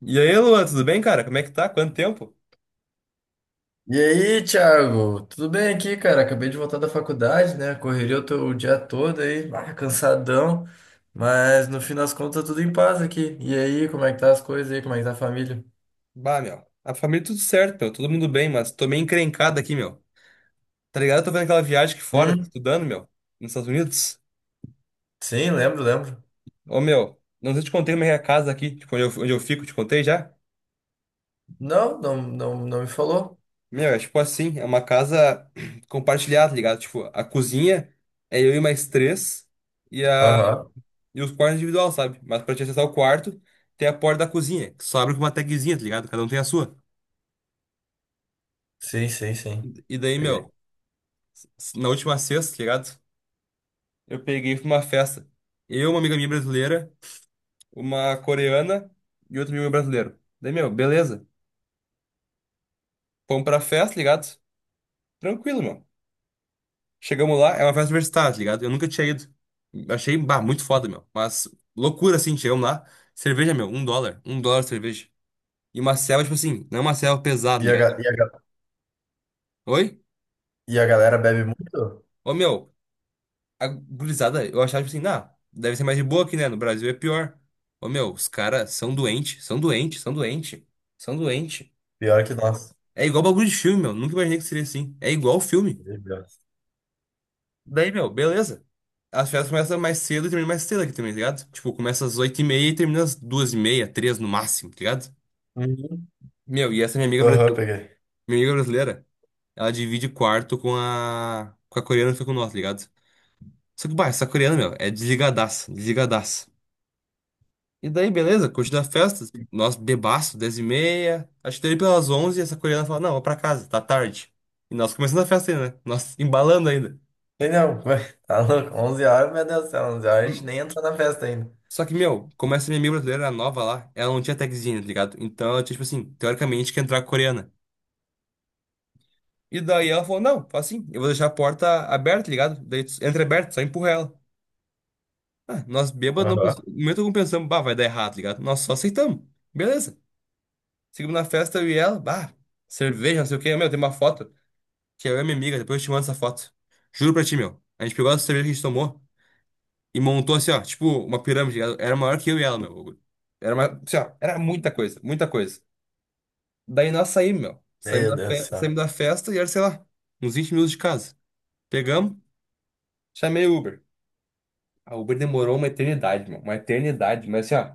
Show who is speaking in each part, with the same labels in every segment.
Speaker 1: E aí, Luan, tudo bem, cara? Como é que tá? Quanto tempo?
Speaker 2: E aí, Thiago? Tudo bem aqui, cara? Acabei de voltar da faculdade, né? Correria o dia todo aí, cansadão, mas no fim das contas tudo em paz aqui. E aí, como é que tá as coisas aí? Como é que tá a família?
Speaker 1: Bah, meu. A família tudo certo, meu. Todo mundo bem, mas tô meio encrencado aqui, meu. Tá ligado? Eu tô vendo aquela viagem aqui fora,
Speaker 2: Hum?
Speaker 1: estudando, meu. Nos Estados Unidos.
Speaker 2: Sim, lembro, lembro.
Speaker 1: Ô, meu. Não sei se eu te contei como é a casa aqui, tipo, onde eu fico, te contei já?
Speaker 2: Não, não, não, não me falou.
Speaker 1: Meu, é tipo assim, é uma casa compartilhada, tá ligado? Tipo, a cozinha é eu e mais três e, a,
Speaker 2: Aham.
Speaker 1: e os quartos individual, sabe? Mas pra te acessar o quarto, tem a porta da cozinha, que só abre com uma tagzinha, tá ligado? Cada um tem a sua.
Speaker 2: Sim, sim, sim.
Speaker 1: E daí,
Speaker 2: Peguei.
Speaker 1: meu, na última sexta, tá ligado? Eu peguei pra uma festa. Eu, uma amiga minha brasileira, uma coreana e outro amigo meu brasileiro. Daí, meu, beleza. Fomos pra festa, ligado? Tranquilo, meu. Chegamos lá, é uma festa universitária, tá ligado? Eu nunca tinha ido. Achei, bah, muito foda, meu. Mas loucura, assim, chegamos lá. Cerveja, meu, US$ 1. US$ 1 de cerveja. E uma selva, tipo assim, não é uma selva pesada, tá
Speaker 2: E a,
Speaker 1: ligado?
Speaker 2: ga- e a, ga-
Speaker 1: Oi?
Speaker 2: e a galera bebe muito?
Speaker 1: Ô, meu, a gurizada, eu achava, tipo assim, ah, deve ser mais de boa aqui, né? No Brasil é pior. Ô, meu, os caras são doentes, são doentes, são doentes, são doentes.
Speaker 2: Pior que nós.
Speaker 1: É igual bagulho de filme, meu. Nunca imaginei que seria assim. É igual filme.
Speaker 2: Bebe Deus.
Speaker 1: Daí, meu, beleza. As férias começam mais cedo e terminam mais cedo aqui também, tá ligado? Tipo, começa às 8h30 e termina às 2h30, 3 no máximo, tá ligado?
Speaker 2: Uhum.
Speaker 1: Meu, e essa
Speaker 2: Aham, peguei.
Speaker 1: minha amiga brasileira, ela divide quarto com a coreana que foi com nós, tá ligado? Só que, bah, essa coreana, meu, é desligadaça, desligadaça. E daí, beleza, curtindo a festa, nós bebaço, 10h30. Acho que daí pelas 11 essa coreana fala, não, vou pra casa, tá tarde. E nós começando a festa ainda, né? Nós embalando ainda.
Speaker 2: Sei não, tá louco. 11 horas, meu Deus do céu, 11 horas a gente nem entrou na festa ainda.
Speaker 1: Só que, meu, como essa minha amiga brasileira era nova lá, ela não tinha tagzinho, tá ligado? Então ela tinha, tipo assim, teoricamente que entrar com a coreana. E daí ela falou, não, faz assim, eu vou deixar a porta aberta, tá ligado? Daí tu entra aberto, só empurra ela. Ah, nós bêbados, não,
Speaker 2: Aham.
Speaker 1: no momento algum pensamos, bah, vai dar errado, tá ligado? Nós só aceitamos. Beleza. Seguimos na festa, eu e ela, bah, cerveja, não sei o quê. Meu, tem uma foto, que é eu e minha amiga, depois eu te mando essa foto. Juro pra ti, meu. A gente pegou essa cerveja que a gente tomou e montou assim, ó, tipo uma pirâmide, tá ligado? Era maior que eu e ela, meu. Era, uma, assim, ó, era muita coisa, muita coisa. Daí nós saímos, meu.
Speaker 2: Meu Deus do céu.
Speaker 1: Saímos da festa e era, sei lá, uns 20 minutos de casa. Pegamos, chamei o Uber. A Uber demorou uma eternidade, meu. Uma eternidade. Mas assim, ó,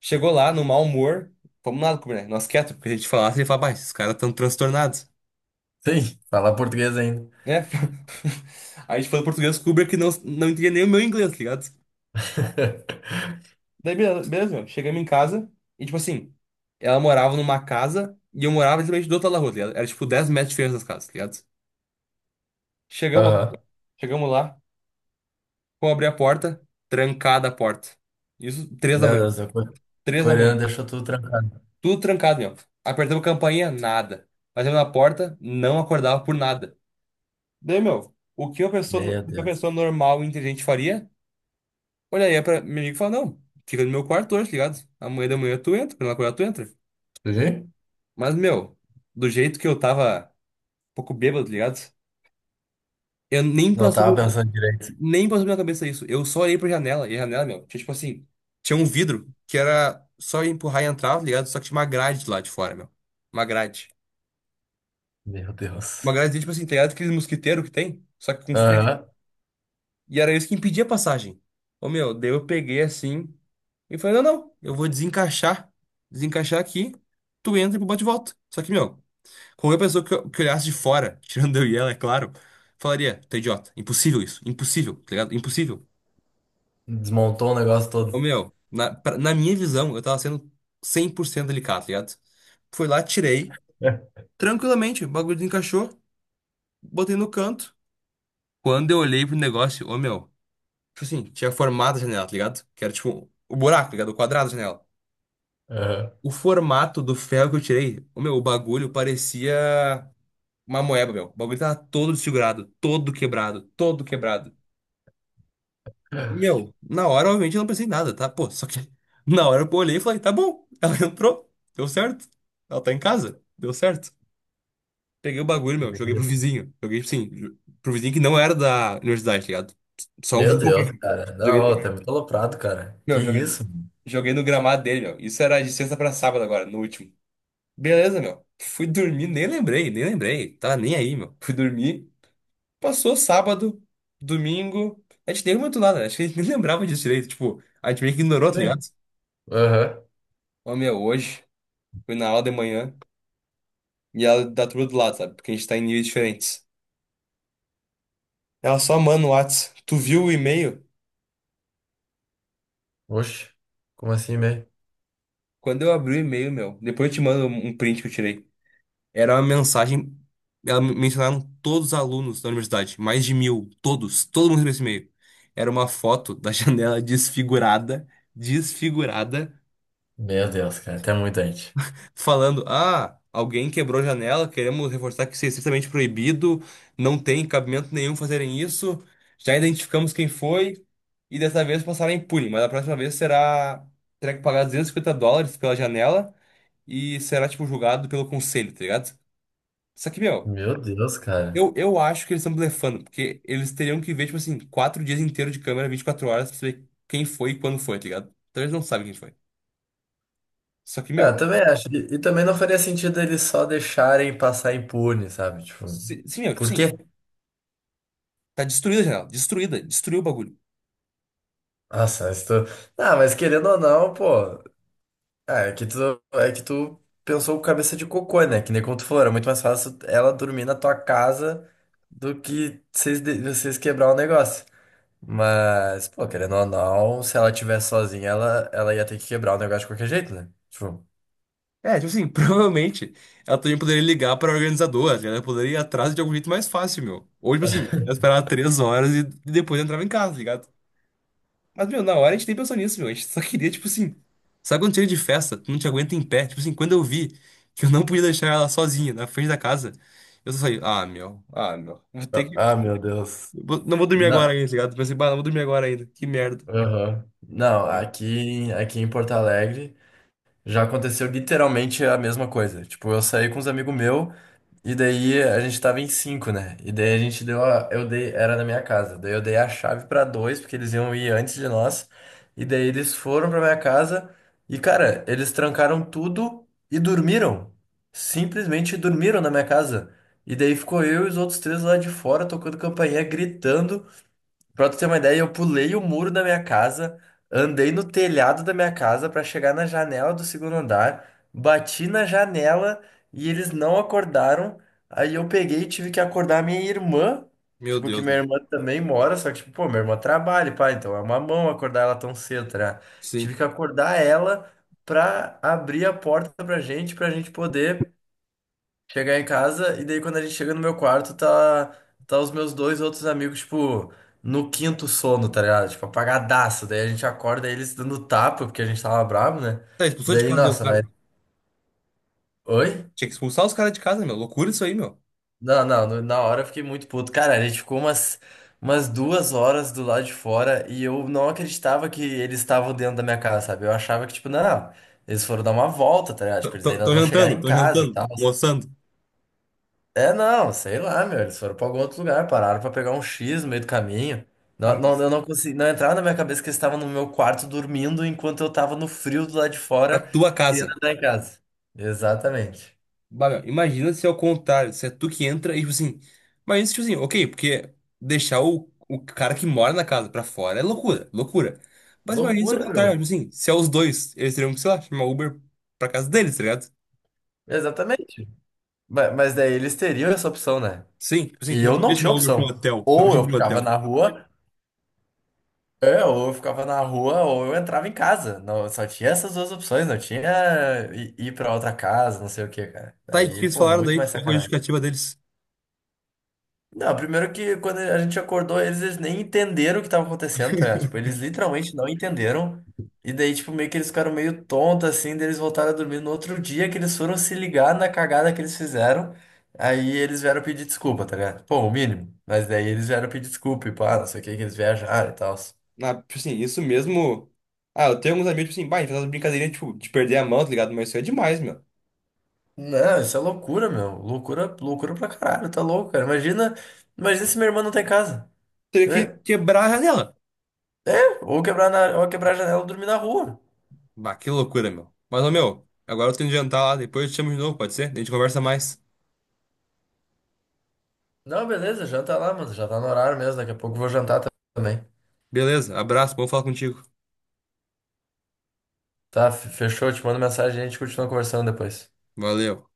Speaker 1: chegou lá no mau humor, fomos nada comer, né? Nós quietos, porque a gente falasse, ele falava, "Bah, esses caras estão transtornados".
Speaker 2: Sim, falar português ainda.
Speaker 1: É. A gente falou português com o Uber que não, não entendia nem o meu inglês, tá ligado? Daí, beleza, beleza, meu. Chegamos em casa e, tipo assim, ela morava numa casa e eu morava literalmente do outro lado da rua, tá ligado? Era tipo 10 metros de diferença das casas, tá ligado? Chegamos,
Speaker 2: Aham.
Speaker 1: chegamos lá. Vou abrir a porta, trancada a porta. Isso, três da
Speaker 2: Meu
Speaker 1: manhã.
Speaker 2: Deus, o
Speaker 1: Três da
Speaker 2: coreano
Speaker 1: manhã.
Speaker 2: deixou tudo trancado.
Speaker 1: Tudo trancado, meu. Apertamos a campainha, nada. Batemos na porta, não acordava por nada. Daí, meu, o
Speaker 2: Meu
Speaker 1: que uma
Speaker 2: Deus.
Speaker 1: pessoa normal e inteligente faria? Olharia pra meu amigo e falaria, não, fica no meu quarto hoje, tá ligado? Amanhã da manhã tu entra, quando ela acordar tu entra.
Speaker 2: Entendi?
Speaker 1: Mas, meu, do jeito que eu tava um pouco bêbado, tá ligado? Eu nem
Speaker 2: Não
Speaker 1: passou
Speaker 2: tava pensando direito.
Speaker 1: Nem passou pela minha cabeça isso. Eu só olhei pra janela, e a janela, meu, tinha tipo assim, tinha um vidro que era só empurrar e entrar, tá ligado? Só que tinha uma grade lá de fora, meu. Uma grade.
Speaker 2: Meu
Speaker 1: Uma
Speaker 2: Deus.
Speaker 1: grade, tipo assim, tá ligado? Aquele mosquiteiro que tem, só que com ferro.
Speaker 2: Aham.
Speaker 1: E era isso que impedia a passagem. Ô, meu, daí eu peguei assim e falei, não, não, eu vou desencaixar. Desencaixar aqui, tu entra e bate e volta. Só que, meu, qualquer pessoa que olhasse de fora, tirando eu e ela, é claro, falaria, tu é idiota. Impossível isso, impossível, tá ligado? Impossível.
Speaker 2: Desmontou o negócio
Speaker 1: Ô,
Speaker 2: todo.
Speaker 1: meu, na minha visão, eu tava sendo 100% delicado, tá ligado? Fui lá, tirei, tranquilamente, o bagulho encaixou, botei no canto. Quando eu olhei pro negócio, ô, meu, tipo assim, tinha formado a janela, tá ligado? Que era tipo o buraco, tá ligado? O quadrado da janela.
Speaker 2: Aham.
Speaker 1: O formato do ferro que eu tirei, o meu, o bagulho parecia uma moeba, meu. O bagulho tava todo desfigurado, todo quebrado, todo quebrado. Meu, na hora, obviamente, eu não pensei em nada, tá? Pô, só que na hora eu olhei e falei, tá bom. Ela entrou, deu certo. Ela tá em casa, deu certo. Peguei o bagulho, meu, joguei pro
Speaker 2: Meu
Speaker 1: vizinho. Joguei, sim, pro vizinho que não era da universidade, tá ligado? Só um
Speaker 2: meu
Speaker 1: vizinho.
Speaker 2: Deus,
Speaker 1: Qualquer.
Speaker 2: cara. Não, tá
Speaker 1: Joguei,
Speaker 2: muito aloprado, cara. Que
Speaker 1: meu, joguei,
Speaker 2: isso?
Speaker 1: joguei no gramado dele, meu. Isso era de sexta pra sábado agora, no último. Beleza, meu. Fui dormir, nem lembrei, nem lembrei. Tava nem aí, meu. Fui dormir. Passou sábado, domingo. A gente nem comentou nada, né? Acho que a gente nem lembrava disso direito. Tipo, a gente meio que ignorou, tá ligado?
Speaker 2: Sim. Aham.
Speaker 1: Ô, meu, hoje fui na aula de manhã e ela dá tudo do lado, sabe? Porque a gente tá em níveis diferentes. Ela só manda o Whats. Tu viu o e-mail?
Speaker 2: Oxe. Como assim, né?
Speaker 1: Quando eu abri o e-mail, meu, depois eu te mando um print que eu tirei. Era uma mensagem. Mencionaram todos os alunos da universidade, mais de 1.000, todos, todo mundo recebeu esse e-mail. Era uma foto da janela desfigurada, desfigurada.
Speaker 2: Meu Deus, cara. Até muito gente.
Speaker 1: Falando: ah, alguém quebrou a janela, queremos reforçar que isso é estritamente proibido, não tem cabimento nenhum fazerem isso, já identificamos quem foi e dessa vez passará impune, mas a próxima vez será terá que pagar 250 dólares pela janela e será, tipo, julgado pelo conselho, tá ligado? Só que, meu.
Speaker 2: Meu Deus, cara.
Speaker 1: Eu acho que eles estão blefando, porque eles teriam que ver, tipo assim, 4 dias inteiros de câmera, 24 horas, pra saber quem foi e quando foi, tá ligado? Então eles não sabem quem foi. Só que,
Speaker 2: Ah, eu
Speaker 1: meu,
Speaker 2: também acho. E também não faria sentido eles só deixarem passar impune, sabe? Tipo,
Speaker 1: se, meu, tipo
Speaker 2: por
Speaker 1: assim,
Speaker 2: quê?
Speaker 1: tá destruída a janela. Destruída. Destruiu o bagulho.
Speaker 2: Nossa, estou. Ah, mas querendo ou não, pô. Ah, é que tu pensou com cabeça de cocô, né? Que nem como tu falou, era muito mais fácil ela dormir na tua casa do que vocês, vocês quebrar o negócio. Mas, pô, querendo ou não, se ela tivesse sozinha, ela ia ter que quebrar o negócio de qualquer jeito, né? Tipo,
Speaker 1: É, tipo assim, provavelmente ela também poderia ligar pra organizadora, ela poderia ir atrás de algum jeito mais fácil, meu. Ou, tipo assim, ela esperava 3 horas e depois entrava em casa, tá ligado? Mas, meu, na hora a gente nem pensou nisso, meu. A gente só queria, tipo assim. Sabe quando chega de festa, tu não te aguenta em pé? Tipo assim, quando eu vi que eu não podia deixar ela sozinha na frente da casa, eu só falei, ah, meu, vou ter que.
Speaker 2: ah, meu Deus.
Speaker 1: Não vou dormir agora
Speaker 2: Não.
Speaker 1: ainda, tá ligado? Pensei, bah, não vou dormir agora ainda, que merda.
Speaker 2: Aham. Não, aqui em Porto Alegre já aconteceu literalmente a mesma coisa. Tipo, eu saí com uns amigos meu e daí a gente tava em cinco, né? E daí a gente deu a, eu dei, era na minha casa. Daí eu dei a chave pra dois porque eles iam ir antes de nós. E daí eles foram pra minha casa e cara, eles trancaram tudo e dormiram. Simplesmente dormiram na minha casa. E daí ficou eu e os outros três lá de fora tocando campainha, gritando. Pra tu ter uma ideia, eu pulei o muro da minha casa, andei no telhado da minha casa pra chegar na janela do segundo andar, bati na janela e eles não acordaram. Aí eu peguei e tive que acordar minha irmã,
Speaker 1: Meu
Speaker 2: tipo, que
Speaker 1: Deus,
Speaker 2: minha
Speaker 1: meu.
Speaker 2: irmã também mora, só que, tipo, pô, minha irmã trabalha, pá, então é uma mão acordar ela tão cedo, tá ligado? Tive
Speaker 1: Sim.
Speaker 2: que acordar ela pra abrir a porta pra gente poder. Chegar em casa, e daí quando a gente chega no meu quarto, tá os meus dois outros amigos, tipo, no quinto sono, tá ligado? Tipo, apagadaço. Daí a gente acorda eles dando tapa, porque a gente tava bravo, né?
Speaker 1: Tá, expulsou de
Speaker 2: Daí,
Speaker 1: casa, o
Speaker 2: nossa,
Speaker 1: cara.
Speaker 2: mas. Oi?
Speaker 1: Tinha que expulsar os caras de casa, meu. Loucura isso aí, meu.
Speaker 2: Não, não, na hora eu fiquei muito puto. Cara, a gente ficou umas 2 horas do lado de fora e eu não acreditava que eles estavam dentro da minha casa, sabe? Eu achava que, tipo, não, não, eles foram dar uma volta, tá ligado? Tipo, eles ainda não chegaram em
Speaker 1: Tô
Speaker 2: casa e
Speaker 1: jantando,
Speaker 2: tal.
Speaker 1: almoçando.
Speaker 2: É, não, sei lá, meu. Eles foram pra algum outro lugar, pararam pra pegar um X no meio do caminho.
Speaker 1: Ah,
Speaker 2: Não, não,
Speaker 1: mas
Speaker 2: eu não consegui, não entrava na minha cabeça que eles estavam no meu quarto dormindo enquanto eu tava no frio do lado de
Speaker 1: na
Speaker 2: fora,
Speaker 1: tua
Speaker 2: querendo
Speaker 1: casa.
Speaker 2: entrar em casa. Exatamente.
Speaker 1: Bah, meu, imagina se é o contrário, se é tu que entra e, tipo assim. Imagina se, tipo assim, ok, porque deixar o cara que mora na casa pra fora é loucura, loucura. Mas imagina se é o
Speaker 2: Loucura,
Speaker 1: contrário, tipo
Speaker 2: meu.
Speaker 1: assim, se é os dois, eles teriam que, sei lá, chamar Uber pra casa deles, tá ligado?
Speaker 2: Exatamente. Mas daí eles teriam essa opção, né?
Speaker 1: Sim, tipo assim,
Speaker 2: E
Speaker 1: tu não
Speaker 2: eu não
Speaker 1: podia
Speaker 2: tinha
Speaker 1: chamar Uber pra um
Speaker 2: opção.
Speaker 1: hotel, tu não
Speaker 2: Ou
Speaker 1: podia ir
Speaker 2: eu
Speaker 1: pra um
Speaker 2: ficava
Speaker 1: hotel.
Speaker 2: na rua, ou eu ficava na rua, ou eu entrava em casa. Não, só tinha essas duas opções, não tinha ir pra outra casa, não sei o quê, cara.
Speaker 1: Tá, e o que
Speaker 2: Daí,
Speaker 1: eles
Speaker 2: pô,
Speaker 1: falaram
Speaker 2: muito
Speaker 1: daí?
Speaker 2: mais
Speaker 1: Qual foi a
Speaker 2: sacanagem.
Speaker 1: justificativa deles?
Speaker 2: Não, primeiro que quando a gente acordou, eles nem entenderam o que tava acontecendo, tá ligado? Tipo, eles literalmente não entenderam. E daí, tipo, meio que eles ficaram meio tontos, assim, daí eles voltaram a dormir no outro dia que eles foram se ligar na cagada que eles fizeram. Aí eles vieram pedir desculpa, tá ligado? Pô, o mínimo. Mas daí eles vieram pedir desculpa e pá, não sei o que, que eles viajaram e tal.
Speaker 1: Ah, tipo assim, isso mesmo. Ah, eu tenho alguns amigos, tipo assim, bah, a gente faz umas brincadeirinhas, tipo, de perder a mão, tá ligado? Mas isso é demais, meu.
Speaker 2: Não, isso é loucura, meu. Loucura, loucura pra caralho, tá louco, cara. Imagina, imagina se minha irmã não tá em casa.
Speaker 1: Teria que
Speaker 2: Eu-
Speaker 1: quebrar a janela.
Speaker 2: ou quebrar a janela e dormir na rua.
Speaker 1: Bah, que loucura, meu. Mas, ô, meu, agora eu tenho que jantar lá, depois eu te chamo de novo, pode ser? A gente conversa mais.
Speaker 2: Não, beleza, janta lá, mano. Já tá no horário mesmo. Daqui a pouco eu vou jantar também.
Speaker 1: Beleza, abraço, bom falar contigo.
Speaker 2: Tá, fechou. Te mando mensagem e a gente continua conversando depois.
Speaker 1: Valeu.